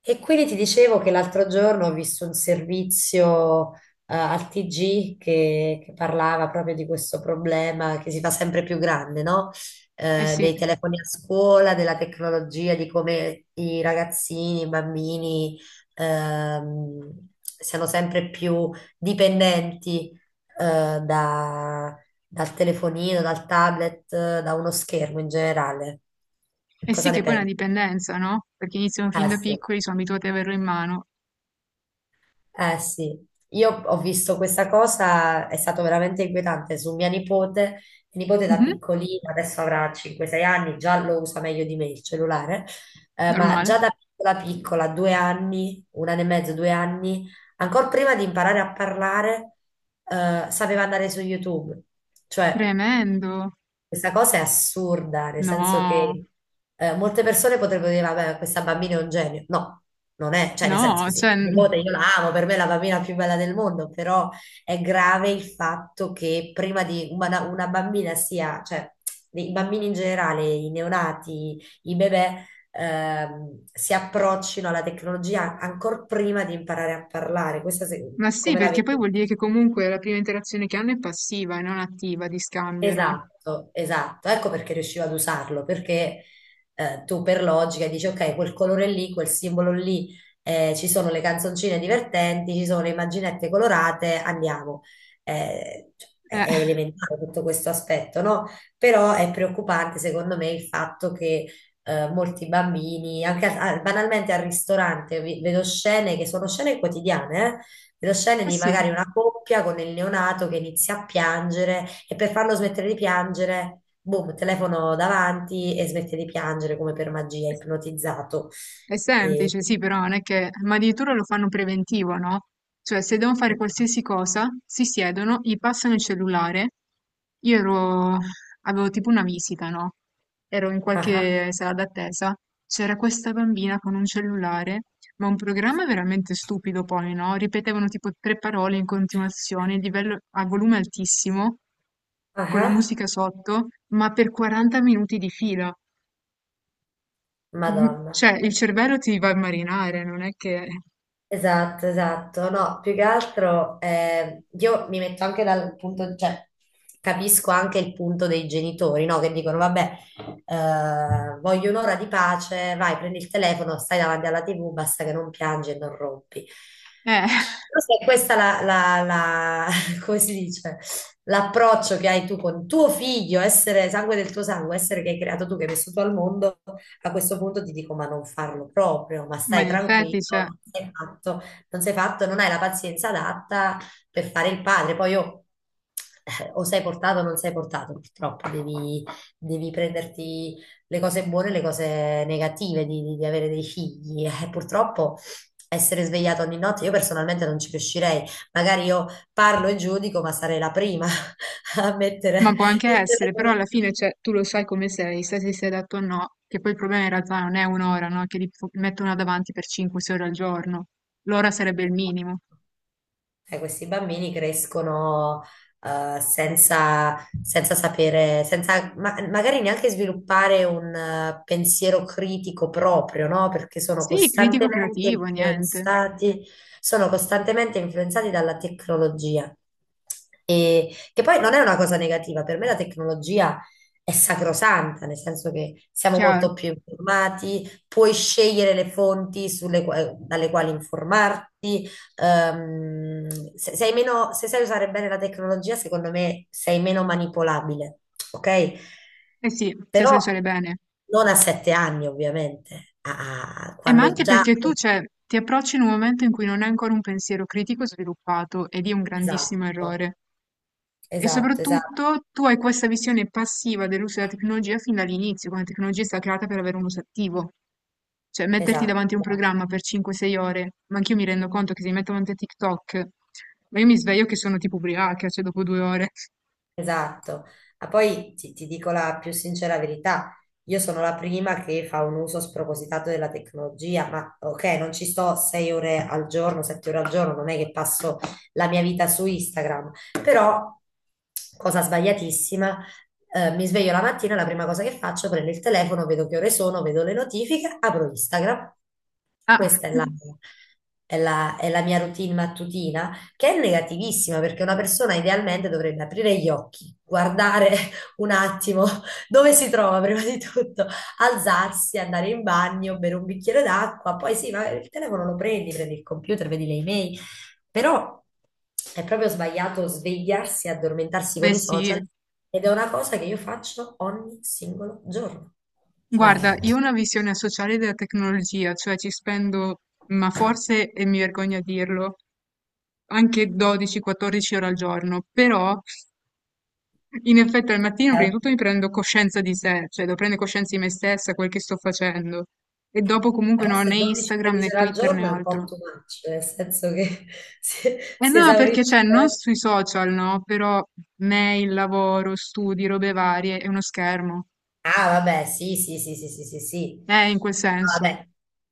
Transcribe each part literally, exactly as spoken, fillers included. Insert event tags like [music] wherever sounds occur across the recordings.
E quindi ti dicevo che l'altro giorno ho visto un servizio eh, al T G che, che parlava proprio di questo problema che si fa sempre più grande, no? Eh Eh, sì, Dei telefoni a scuola, della tecnologia, di come i ragazzini, i bambini ehm, siano sempre più dipendenti eh, da- dal telefonino, dal tablet, eh, da uno schermo in generale. eh Cosa sì ne che poi è una pensi? dipendenza, no? Perché iniziano fin Ah, da sì. piccoli, sono abituati ad averlo in mano. Eh sì, io ho visto questa cosa, è stato veramente inquietante su mia nipote, mia nipote da Mhm, piccolina, adesso avrà cinque sei anni, già lo usa meglio di me il cellulare, eh, ma normale. già da piccola piccola, due anni, un anno e mezzo, due anni, ancora prima di imparare a parlare, eh, sapeva andare su YouTube, cioè Tremendo. questa cosa è assurda, nel senso No, che eh, molte persone potrebbero dire, vabbè, questa bambina è un genio. No, non è, cioè nel senso no, sì, cioè, mia n- nipote io la amo, per me è la bambina più bella del mondo, però è grave il fatto che prima di una, una bambina sia, cioè i bambini in generale, i neonati, i bebè, ehm, si approccino alla tecnologia ancora prima di imparare a parlare. Questa ma se- sì, come la perché vedi? poi vuol dire che comunque la prima interazione che hanno è passiva e non attiva di scambio, no? Esatto, esatto. Ecco perché riuscivo ad usarlo, perché eh, tu per logica dici, ok, quel colore lì, quel simbolo lì, eh, ci sono le canzoncine divertenti, ci sono le immaginette colorate, andiamo. Eh, cioè, è Eh, [laughs] è elementare tutto questo aspetto, no? Però è preoccupante secondo me il fatto che eh, molti bambini, anche a- a- banalmente al ristorante, vi- vedo scene che sono scene quotidiane, eh, Vedo scene eh di sì. magari una coppia con il neonato che inizia a piangere e per farlo smettere di piangere, boom, telefono davanti e smette di piangere come per magia, ipnotizzato. È E... semplice, sì, però non è che... Ma addirittura lo fanno preventivo, no? Cioè, se devono fare qualsiasi cosa, si siedono, gli passano il cellulare. Io ero... avevo tipo una visita, no? Ero in Ah, ah, qualche sala d'attesa. C'era questa bambina con un cellulare, ma un programma veramente stupido poi, no? Ripetevano tipo tre parole in continuazione, il livello a volume altissimo, ah, con la ah, musica ah, sotto, ma per quaranta minuti di fila. Mh, Madonna. cioè il cervello ti va a marinare, non è che Esatto, esatto. No, più che altro eh, io mi metto anche dal punto, cioè capisco anche il punto dei genitori, no? Che dicono, vabbè, eh, voglio un'ora di pace, vai, prendi il telefono, stai davanti alla T V, basta che non piangi e non rompi. eh, [laughs] Forse è questa la, la- la- [laughs] come si dice, l'approccio che hai tu con tuo figlio, essere sangue del tuo sangue, essere che hai creato tu, che hai messo tu al mondo, a questo punto ti dico, ma non farlo proprio, ma ma stai in tranquillo, effetti, cioè non sei fatto, non sei fatto, non hai la pazienza adatta per fare il padre. Poi io, eh, o sei portato o non sei portato, purtroppo devi, devi prenderti le cose buone e le cose negative di, di- di avere dei figli. Eh, purtroppo essere svegliata ogni notte, io personalmente non ci riuscirei. Magari io parlo e giudico, ma sarei la prima [laughs] a mettere ma può anche il essere, però telefono. alla fine, cioè, tu lo sai come sei, sai se sei adatto o no, che poi il problema in realtà non è un'ora ora, no, che li f mettono davanti per cinque, sei ore al giorno. L'ora sarebbe il minimo. Cioè, questi bambini crescono eh, senza, senza sapere, senza ma- magari neanche sviluppare un eh, pensiero critico proprio, no? Perché sono Sì, critico costantemente creativo, niente, influenzati, sono costantemente influenzati dalla tecnologia. E, che poi non è una cosa negativa, per me la tecnologia è sacrosanta, nel senso che siamo chiaro. molto più informati, puoi scegliere le fonti sulle qua- dalle quali informarti ehm, se, sei meno, se sai usare bene la tecnologia, secondo me sei meno manipolabile, ok? Eh sì, se Però sai usare bene. non a sette anni, ovviamente, a- a- Eh, ma quando anche già. perché tu, cioè, ti approcci in un momento in cui non hai ancora un pensiero critico sviluppato ed è un Esatto, grandissimo errore. E esatto, esatto, soprattutto tu hai questa visione passiva dell'uso della tecnologia fin dall'inizio, quando la tecnologia è stata creata per avere un uso attivo. Cioè, metterti davanti a un esatto. programma per cinque o sei ore, ma anch'io mi rendo conto che se mi metto davanti a TikTok, ma io mi sveglio che sono tipo ubriaca, cioè dopo due ore. Esatto, ma poi ti, ti dico la più sincera verità, io sono la prima che fa un uso spropositato della tecnologia, ma ok, non ci sto sei ore al giorno, sette ore al giorno, non è che passo la mia vita su Instagram, però, cosa sbagliatissima, eh, mi sveglio la mattina, la prima cosa che faccio, prendo il telefono, vedo che ore sono, vedo le notifiche, apro Instagram. Ah, [laughs] Questa è la, è la- è la mia routine mattutina che è negativissima perché una persona idealmente dovrebbe aprire gli occhi, guardare [laughs] un attimo dove si trova prima di tutto, alzarsi, andare in bagno, bere un bicchiere d'acqua, poi sì, ma il telefono lo prendi, prendi il computer, vedi le email, però è proprio sbagliato svegliarsi e addormentarsi con beh i sì. social ed è una cosa che io faccio ogni singolo giorno. Cioè, Guarda, io ho una visione sociale della tecnologia, cioè ci spendo, ma forse, e mi vergogno a dirlo, anche dodici quattordici ore al giorno, però in effetti al mattino è prima di tutto mi prendo coscienza di sé, cioè devo prendere coscienza di me stessa, quel che sto facendo. E dopo comunque non ho né forse dodici Instagram tredici né ore al Twitter né giorno è un po' altro. too much, nel senso che [laughs] si, E si no, perché cioè, esaurisce. non sui social, no, però mail, lavoro, studi, robe varie, è uno schermo. Ah, vabbè, sì, sì, sì, sì, sì, sì, sì. Eh, in quel Ah, senso. vabbè,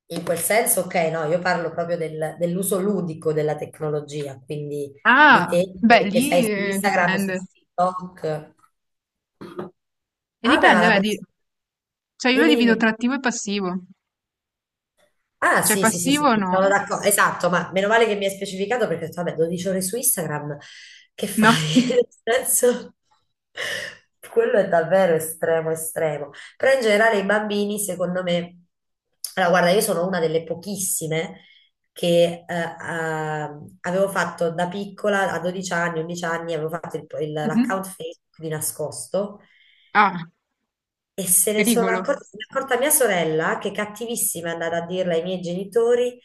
in quel senso, ok, no, io parlo proprio del- dell'uso ludico della tecnologia, quindi di Ah, te beh, che che sei lì su eh, Instagram, su dipende. TikTok. E Ah, vabbè, ma dipende, la vedi, persona. cioè io lo Dimmi, divido dimmi. tra attivo e passivo. Ah, Cioè sì, sì, sì, sì, passivo sì, no. sono d'accordo, esatto, ma meno male che mi hai specificato perché ho detto, vabbè, dodici ore su Instagram, che fai? No. [laughs] [laughs] Nel senso, quello è davvero estremo, estremo. Però in generale i bambini, secondo me, allora guarda, io sono una delle pochissime che eh, ah, avevo fatto da piccola, a dodici anni, undici anni, avevo fatto il- il- Mhm. l'account Facebook di nascosto Ah, e se ne sono pericolo. accorta, se ne è accorta mia sorella, che cattivissima è andata a dirla ai miei genitori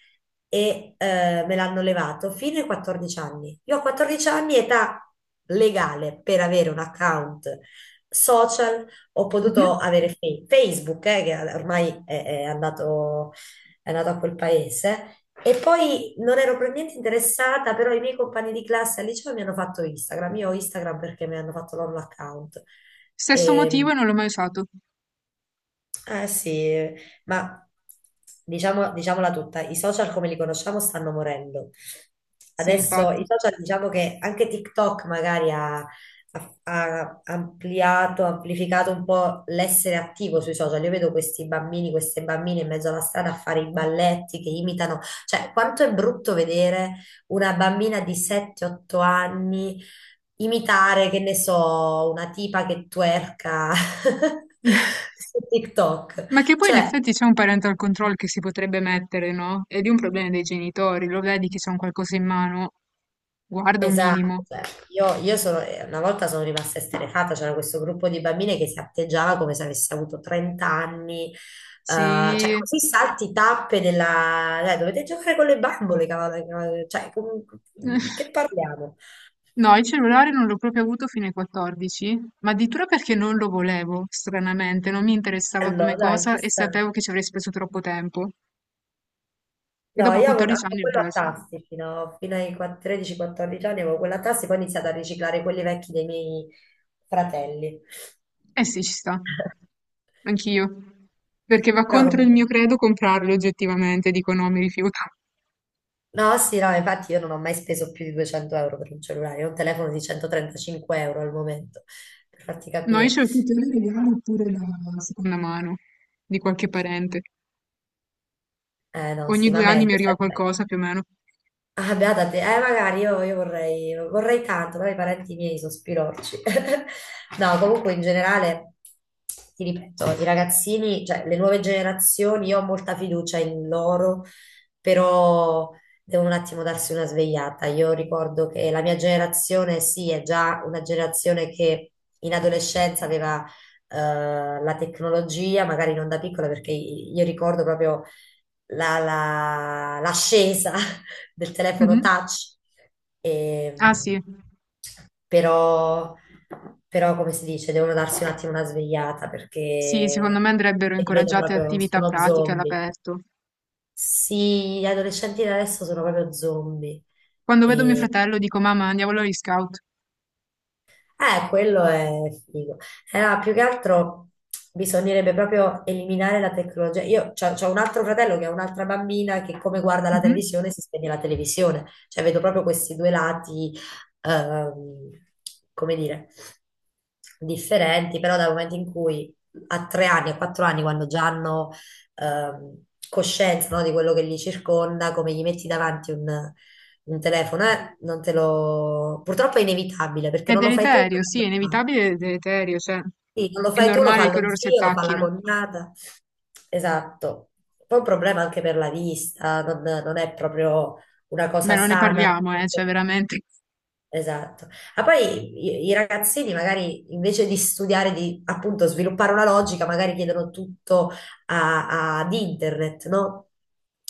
e eh, me l'hanno levato fino ai quattordici anni. Io a quattordici anni, età legale per avere un account social, ho potuto Mhm. avere fe- Facebook, eh, che ormai è, è andato, è andato a quel paese. E poi non ero per niente interessata, però i miei compagni di classe al liceo mi hanno fatto Instagram. Io ho Instagram perché mi hanno fatto loro l'account. Stesso motivo Ehm, e non l'ho mai usato. eh sì, ma diciamo, diciamola tutta, i social come li conosciamo stanno morendo. Sì, Adesso i infatti. social diciamo che anche TikTok magari ha, ha- ha ampliato, amplificato un po' l'essere attivo sui social. Io vedo questi bambini, queste bambine in mezzo alla strada a fare i balletti che imitano. Cioè, quanto è brutto vedere una bambina di sette otto anni imitare, che ne so, una tipa che twerka [laughs] [laughs] su TikTok. Ma che poi in Cioè, effetti c'è un parental control che si potrebbe mettere, no? Ed è di un problema dei genitori, lo vedi che c'è un qualcosa in mano, guarda un esatto, minimo. cioè, io, io sono, eh, una volta sono rimasta esterrefatta, c'era questo gruppo di bambine che si atteggiava come se avesse avuto trenta anni, eh, cioè Sì. così salti tappe della. Dai, dovete giocare con le bambole, cavolo, cavolo, cioè, com- che [laughs] parliamo? No, il cellulare non l'ho proprio avuto fino ai quattordici, ma addirittura perché non lo volevo, stranamente, non mi interessava come Allora, dai, cosa ci e sta. sapevo che ci avrei speso troppo tempo. E No, dopo io avevo, quattordici avevo anni l'ho quello a preso. tassi fino, fino ai tredici o quattordici anni, avevo quello a tassi, poi ho iniziato a riciclare quelli vecchi dei miei fratelli. Eh sì, ci sta. Anch'io. Perché va Però contro il mio comunque, credo comprarli oggettivamente, dico no, mi rifiuto. no, sì, no, infatti io non ho mai speso più di duecento euro per un cellulare, ho un telefono di centotrentacinque euro al momento, per farti No, io capire. ce l'ho tutti alla seconda mano, di qualche parente. Eh no, Ogni sì, ma due anni mi meglio. arriva qualcosa, più o meno. Ah, beata te. Eh, magari io, io vorrei, vorrei tanto, però i parenti miei sospirorci. [laughs] No, comunque in generale, ti ripeto, i ragazzini, cioè le nuove generazioni, io ho molta fiducia in loro, però devono un attimo darsi una svegliata. Io ricordo che la mia generazione, sì, è già una generazione che in adolescenza aveva eh, la tecnologia, magari non da piccola, perché io ricordo proprio la, la- l'ascesa [laughs] del telefono Mhm. touch, Ah e, sì, però, però come si dice, devono darsi un attimo una svegliata sì, secondo perché me andrebbero li vedo incoraggiate proprio, attività sono pratiche zombie. all'aperto. Sì, gli adolescenti di adesso sono proprio zombie. Quando vedo mio E fratello dico, mamma, andiamo agli scout. Eh, quello è figo. Eh, no, più che altro bisognerebbe proprio eliminare la tecnologia. Io ho un altro fratello che ha un'altra bambina che come guarda la Mhm. televisione si spegne la televisione. Cioè vedo proprio questi due lati, ehm, come dire, differenti, però dal momento in cui a tre anni, a quattro anni, quando già hanno ehm, coscienza, no, di quello che li circonda, come gli metti davanti un... un telefono, eh, non te lo. Purtroppo è inevitabile perché È non lo fai tu, ma deleterio, sì, è lo fa. inevitabile ed è deleterio, cioè, Sì, non lo è fai tu, lo normale fa che lo loro si zio, lo fa la attacchino. cognata. Esatto. Poi è un problema anche per la vista, non, non è proprio una Beh, cosa non ne sana. parliamo, eh, cioè, anche- veramente. Esatto. Ma poi i, i ragazzini magari invece di studiare, di appunto sviluppare una logica, magari chiedono tutto a- ad internet, no?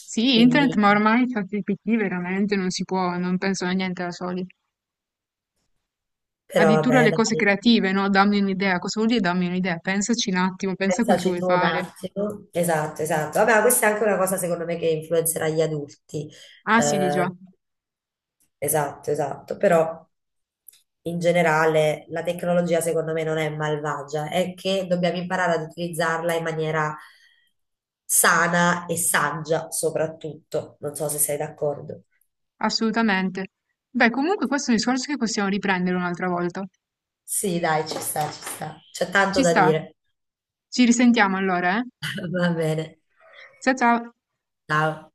Sì, internet, Quindi, ma ormai ChatGPT veramente non si può, non penso a niente da soli. però Addirittura vabbè, le cose dai, creative, no? Dammi un'idea. Cosa vuol dire dammi un'idea? Pensaci un attimo, pensa a quel che pensaci vuoi tu un fare. attimo. Esatto, esatto. Vabbè, ma questa è anche una cosa secondo me che influenzerà gli adulti. Ah, sì, di già, Eh, Esatto, esatto, però in generale la tecnologia secondo me non è malvagia, è che dobbiamo imparare ad utilizzarla in maniera sana e saggia soprattutto. Non so se sei d'accordo. assolutamente. Beh, comunque questo è un discorso che possiamo riprendere un'altra volta. Sì, dai, ci sta, ci sta. C'è tanto Ci da sta. dire. Ci risentiamo allora, eh? [laughs] Va bene. Ciao ciao. Ciao.